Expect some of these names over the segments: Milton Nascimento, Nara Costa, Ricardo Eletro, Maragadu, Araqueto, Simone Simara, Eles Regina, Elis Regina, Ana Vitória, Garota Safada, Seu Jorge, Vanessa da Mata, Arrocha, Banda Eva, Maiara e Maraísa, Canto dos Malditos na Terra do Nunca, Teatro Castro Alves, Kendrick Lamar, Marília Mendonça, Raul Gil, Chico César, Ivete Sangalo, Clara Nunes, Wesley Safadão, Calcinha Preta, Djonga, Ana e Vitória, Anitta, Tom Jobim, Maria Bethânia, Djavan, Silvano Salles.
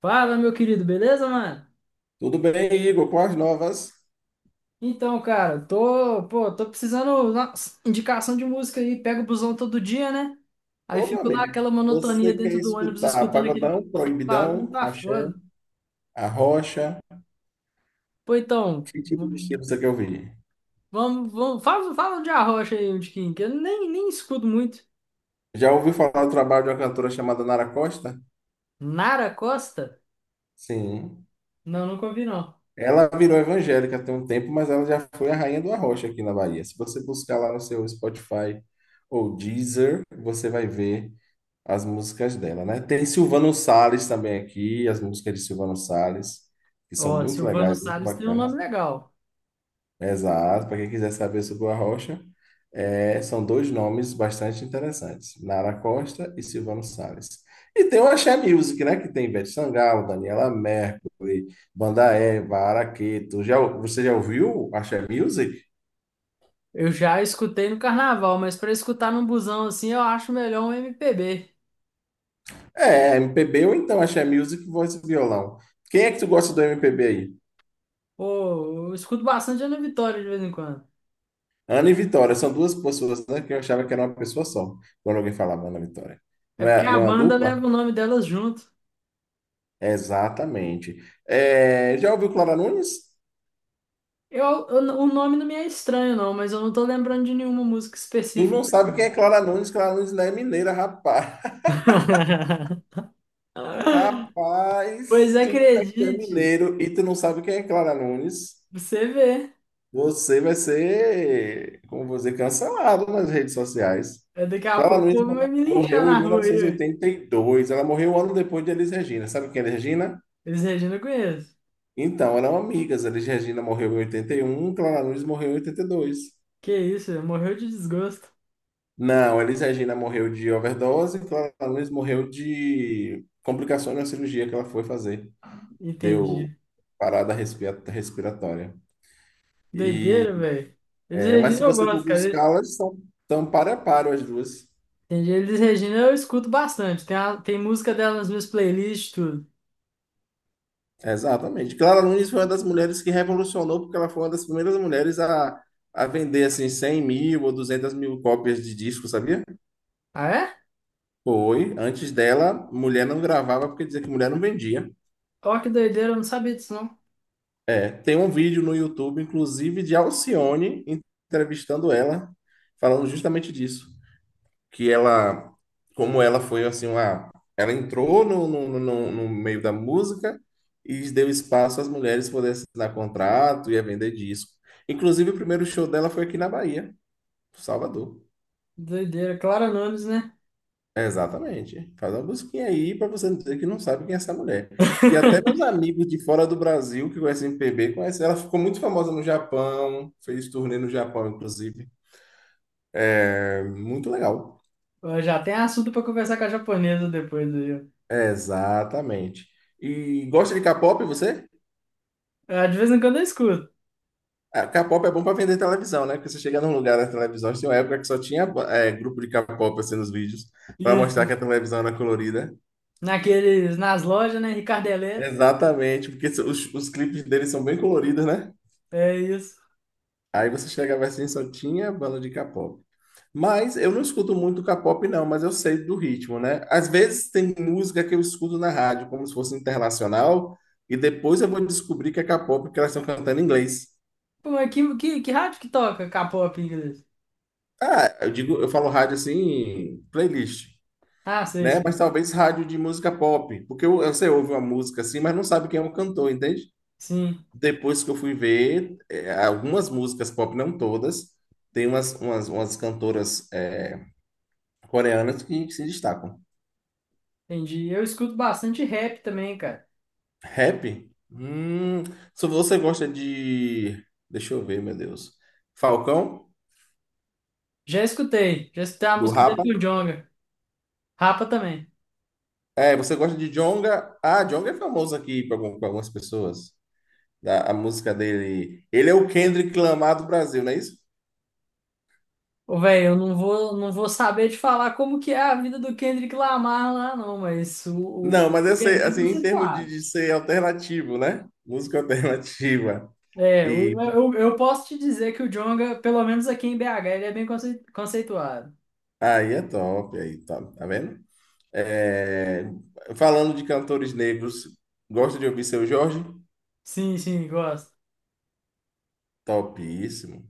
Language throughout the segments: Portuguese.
Fala, meu querido, beleza, mano? Tudo bem, Igor? Com as novas? Então, cara, tô precisando de uma indicação de música aí. Pego o busão todo dia, né? Aí Ô, meu fico lá amigo, aquela você monotonia quer dentro do ônibus escutar escutando aquele pagodão, barulho, proibidão, tá axé, foda. arrocha? Pô, então, Que tipo de estilo você quer ouvir? Fala de Arrocha aí, um tiquinho, que eu nem escuto muito. Já ouviu falar do trabalho de uma cantora chamada Nara Costa? Nara Costa? Sim. Não, nunca ouvi, não. Ela virou evangélica tem um tempo, mas ela já foi a rainha do arrocha aqui na Bahia. Se você buscar lá no seu Spotify ou Deezer, você vai ver as músicas dela, né? Tem Silvano Salles também aqui, as músicas de Silvano Salles, que são Ó, muito Silvano legais, muito Salles tem um bacanas. nome legal. Exato, para quem quiser saber sobre o Arrocha, são dois nomes bastante interessantes, Nara Costa e Silvano Salles. E tem o Axé Music, né, que tem Ivete Sangalo, Daniela Mercury, Banda Eva, Araqueto. Você já ouviu Axé Music? Eu já escutei no carnaval, mas pra escutar num busão assim, eu acho melhor um MPB. É, MPB ou então Axé Music, voz e violão. Quem é que tu gosta do MPB aí? Pô, eu escuto bastante Ana Vitória de vez em quando. Ana e Vitória, são duas pessoas, né, que eu achava que era uma pessoa só, quando alguém falava Ana e Vitória. É Não porque é, a não é uma banda dupla? leva o nome delas junto. Exatamente. É, já ouviu Clara Nunes? O nome não me é estranho, não, mas eu não tô lembrando de nenhuma música Tu específica não dela, sabe quem não. é Clara Nunes? Clara Nunes não é mineira, rapaz. Rapaz, Pois se tu disser que tu é acredite, mineiro e tu não sabe quem é Clara Nunes, você vê. você vai ser, como você cancelado nas redes sociais. É, daqui a pouco o povo vai me linchar Morreu em na rua aí, ué. 1982. Ela morreu um ano depois de Elis Regina. Sabe quem é Elis Regina? Eles Regina eu conheço. Então, eram amigas. Elis Regina morreu em 81, Clara Nunes morreu em 82. Que isso, ué, morreu de desgosto. Não, Elis Regina morreu de overdose, Clara Nunes morreu de complicações na cirurgia que ela foi fazer. Deu Entendi. Respiratória. E, Doideira, velho. Eles mas Regina se eu você for gosto, cara. buscar, elas são tão par a par as duas. Entendi. Eles Regina eu escuto bastante. Tem, tem música delas nas minhas playlists, e tudo. Exatamente. Clara Nunes foi uma das mulheres que revolucionou, porque ela foi uma das primeiras mulheres a vender assim 100 mil ou 200 mil cópias de disco, sabia? Ah, é? Foi. Antes dela, mulher não gravava porque dizia que mulher não vendia. Ó, que doideira, eu não sabia disso, não. É, tem um vídeo no YouTube, inclusive, de Alcione entrevistando ela, falando justamente disso. Que ela, como ela foi assim, uma, Ela entrou no meio da música e deu espaço às mulheres poderem assinar contrato e a vender disco. Inclusive, o primeiro show dela foi aqui na Bahia, Salvador. Doideira, Clara Nunes, né? Exatamente. Faz uma busquinha aí para você não dizer que não sabe quem é essa mulher. Que até meus amigos de fora do Brasil que conhecem MPB conhecem. Ela ficou muito famosa no Japão, fez turnê no Japão, inclusive. É muito legal. Ó, já tem assunto pra conversar com a japonesa depois aí, ó. Exatamente. E gosta de K-pop, você? Ah, de vez em quando eu escuto. Ah, K-pop é bom para vender televisão, né? Porque você chega num lugar da televisão, tinha uma época que só tinha grupo de K-pop assim nos vídeos, para Isso. mostrar que a televisão era colorida. Naqueles, nas lojas, né? Ricardo Eletro. Exatamente, porque os clipes deles são bem coloridos, né? É isso. Aí você chegava assim, só tinha banda de K-pop. Mas eu não escuto muito K-pop, não, mas eu sei do ritmo, né? Às vezes tem música que eu escuto na rádio, como se fosse internacional, e depois eu vou descobrir que é K-pop, que elas estão cantando em inglês. Pô, mas que rádio que toca K-pop em inglês? Ah, eu digo, eu falo rádio assim, playlist, Ah, sei, né? Mas sei. talvez rádio de música pop, porque você ouve uma música assim, mas não sabe quem é o cantor, entende? Sim, Depois que eu fui ver, algumas músicas pop, não todas, tem umas cantoras. Coreanas que se destacam. entendi. Eu escuto bastante rap também, cara. Rap? Hum, se você gosta de. Deixa eu ver, meu Deus. Falcão, Já escutei. Já escutei a do música dele Rapa. com o Djonga. Rapa também. É, você gosta de Djonga? Ah, Djonga é famoso aqui para algumas pessoas. Música dele. Ele é o Kendrick Lamar do Brasil, não é isso? Ô, velho, eu não vou saber te falar como que é a vida do Kendrick Lamar lá, não, mas Não, mas eu é sei, bem assim, em termos conceituado. de ser alternativo, né? Música alternativa. É, E eu posso te dizer que o Djonga, pelo menos aqui em BH, ele é bem conceituado. aí é top, aí top, tá vendo? É, falando de cantores negros, gosta de ouvir Seu Jorge? Sim, sim, gosto. Topíssimo.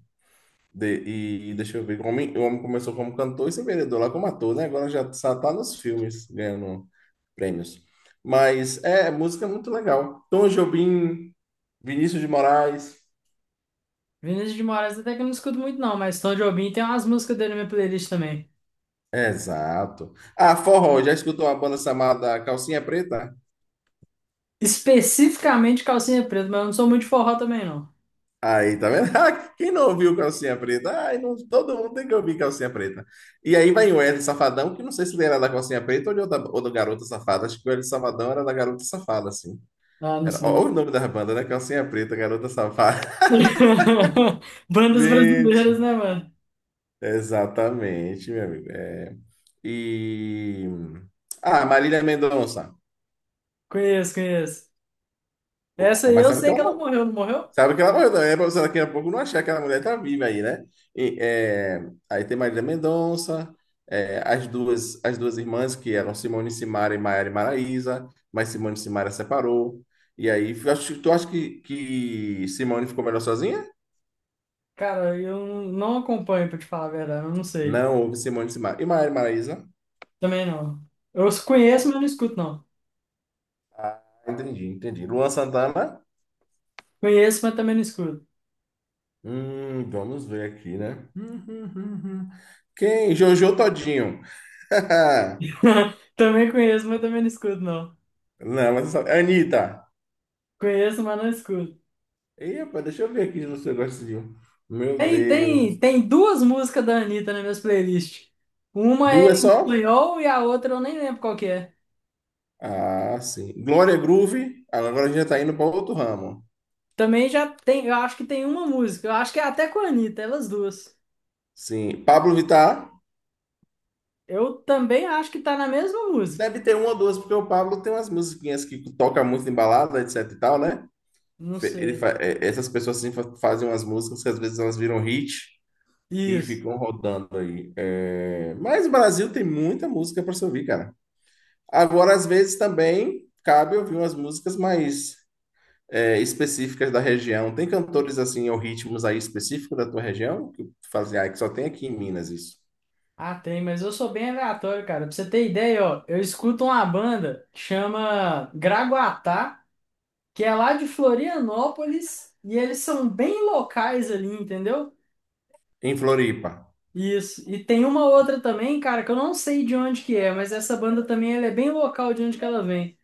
De- e deixa eu ver, o homem começou como cantor e se vendedor lá como ator, né? Agora já só tá nos filmes ganhando prêmios. Mas é, música é muito legal. Tom Jobim, Vinícius de Moraes. Vinícius de Moraes até que eu não escuto muito não, mas Tom Jobim tem umas músicas dele na minha playlist também. Exato. Ah, forró, já escutou uma banda chamada Calcinha Preta? Especificamente Calcinha Preta, mas eu não sou muito de forró também não. Aí, tá vendo? Ah, quem não ouviu Calcinha Preta? Ai, não, todo mundo tem que ouvir Calcinha Preta. E aí vai o Wesley Safadão, que não sei se ele era da Calcinha Preta ou, de outra, ou do Garota Safada. Acho que o Wesley Safadão era da Garota Safada, assim. Ah, não Era, sei. olha o nome da banda, né? Calcinha Preta, Garota Safada. Bandas brasileiras, Gente, né, mano? exatamente, meu amigo. E. Ah, Marília Mendonça. Conheço, conheço. Pô, Essa aí eu sei que ela morreu, não morreu? Sabe que ela morreu também, né? Pra você daqui a pouco não achar que aquela mulher tá viva aí, né? E, é, Aí tem Marília Mendonça, as duas irmãs que eram Simone Simara e Maiara e Maraísa, mas Simone Simara separou. E aí, tu acha que Simone ficou melhor sozinha? Cara, eu não acompanho, pra te falar a verdade, eu não sei. Não, houve Simone Simara. E Maiara e Maraísa? Também não. Eu os conheço, mas não escuto, não. Ah, entendi, entendi. Luan Santana? Conheço, mas também não escuto. Vamos ver aqui, né? Quem? Jojo Todinho. Também conheço, mas também não escuto, não. Não, mas só- Anitta. Conheço, mas não escuto. Ih, deixa eu ver aqui se você gosta de um. Meu Tem, tem, Deus. tem duas músicas da Anitta nas minhas playlists. Uma é Duas em só? espanhol e a outra eu nem lembro qual que é. Ah, sim. Glória Groove. Agora a gente já tá indo para outro ramo. Também já tem, eu acho que tem uma música. Eu acho que é até com a Anitta, elas duas. Sim. Pablo Vittar. Eu também acho que tá na mesma música. Deve ter uma ou duas, porque o Pablo tem umas musiquinhas que toca muito em balada, etc e tal, né? Não sei. Essas pessoas assim fazem umas músicas que às vezes elas viram hit. E Isso. ficam rodando aí. É, mas o Brasil tem muita música para se ouvir, cara. Agora, às vezes, também cabe ouvir umas músicas mais específicas da região. Tem cantores assim, ou ritmos aí específicos da tua região? Que tu fazia, ah, que só tem aqui em Minas isso. Ah, tem, mas eu sou bem aleatório, cara. Pra você ter ideia, ó, eu escuto uma banda que chama Gragoatá, que é lá de Florianópolis, e eles são bem locais ali, entendeu? Em Floripa. Isso. E tem uma outra também, cara, que eu não sei de onde que é, mas essa banda também ela é bem local de onde que ela vem.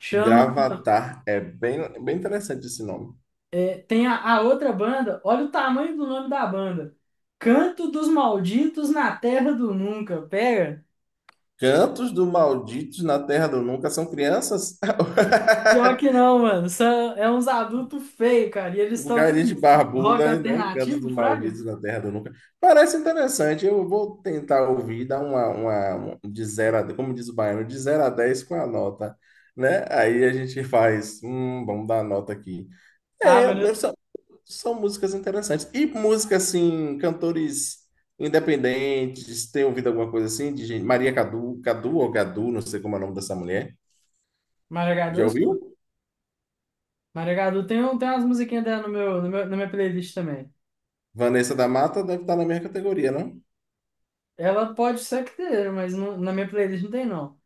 Chama, Gravatar é bem, bem interessante esse nome. é, tem a outra banda, olha o tamanho do nome da banda. Canto dos Malditos na Terra do Nunca, pega. Cantos do Malditos na Terra do Nunca são crianças? Pior que não, mano. São, é uns adultos feios, cara. E eles tocam Lugares de uns rock barbuda, né? Cantos alternativo, do fraga? Maldito na Terra do Nunca. Parece interessante. Eu vou tentar ouvir, dar uma um de zero a, como diz o baiano, de zero a 10 com a nota, né? Aí a gente faz, vamos dar a nota aqui. Ah, É, mano, mas são, São músicas interessantes. E música assim, cantores independentes, tem ouvido alguma coisa assim de gente, Maria Cadu, Cadu ou Gadu, não sei como é o nome dessa mulher. Maragadu, eu Já escuto. ouviu? Tem umas musiquinhas dela no meu, no meu- na minha playlist também. Vanessa da Mata deve estar na minha categoria, não? Ela pode ser que tenha, na minha playlist não tem, não.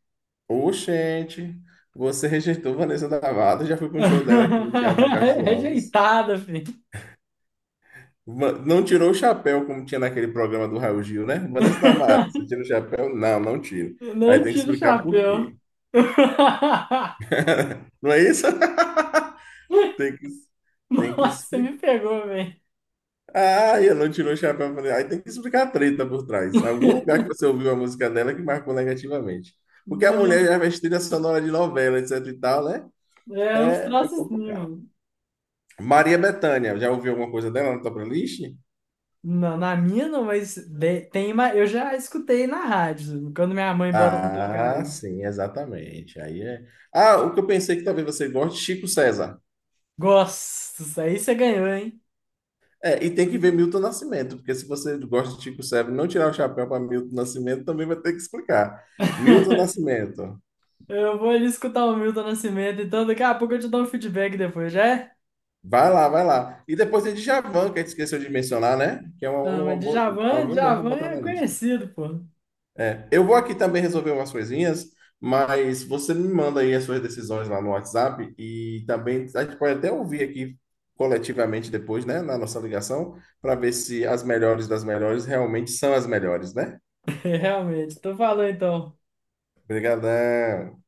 Oxente, você rejeitou Vanessa Davado, já fui para um show dela aqui no Teatro Castro Alves. Rejeitada, filho. Não tirou o chapéu como tinha naquele programa do Raul Gil, né? Vanessa da você tira o chapéu? Não, não tiro. Aí Não tem que tiro o explicar por chapéu. quê. Não é isso? Tem que, tem que Nossa, você me explicar. pegou, velho. Ah, eu não tirou o chapéu. Falei, aí tem que explicar a treta por trás. Algum lugar que você ouviu a música dela que marcou negativamente. Porque a mulher No- já fez trilha sonora de novela, etc e tal, né? É uns É, é troços assim, complicado. mano. Maria Bethânia, já ouviu alguma coisa dela na tua playlist? Não, na minha não, mas tem uma, eu já escutei na rádio, quando minha mãe bota pra tocar, Ah, aí. sim, exatamente. Aí é. Ah, o que eu pensei que talvez você goste, Chico César. Gosto, isso aí você ganhou, hein? É, e tem que ver Milton Nascimento, porque se você gosta de Chico César e não tirar o chapéu para Milton Nascimento, também vai ter que explicar. Milton Nascimento. Eu vou ali escutar o Milton Nascimento, então daqui a pouco eu te dou um feedback depois, já é? Vai lá, vai lá. E depois tem Djavan, que a gente esqueceu de mencionar, né? Que é Ah, uma mas boa, Djavan, alguém bom para Djavan botar é na lista. conhecido, pô. Eu vou aqui também resolver umas coisinhas, mas você me manda aí as suas decisões lá no WhatsApp e também a gente pode até ouvir aqui coletivamente depois, né, na nossa ligação, para ver se as melhores das melhores realmente são as melhores, né? Realmente, tô falando então. Obrigadão.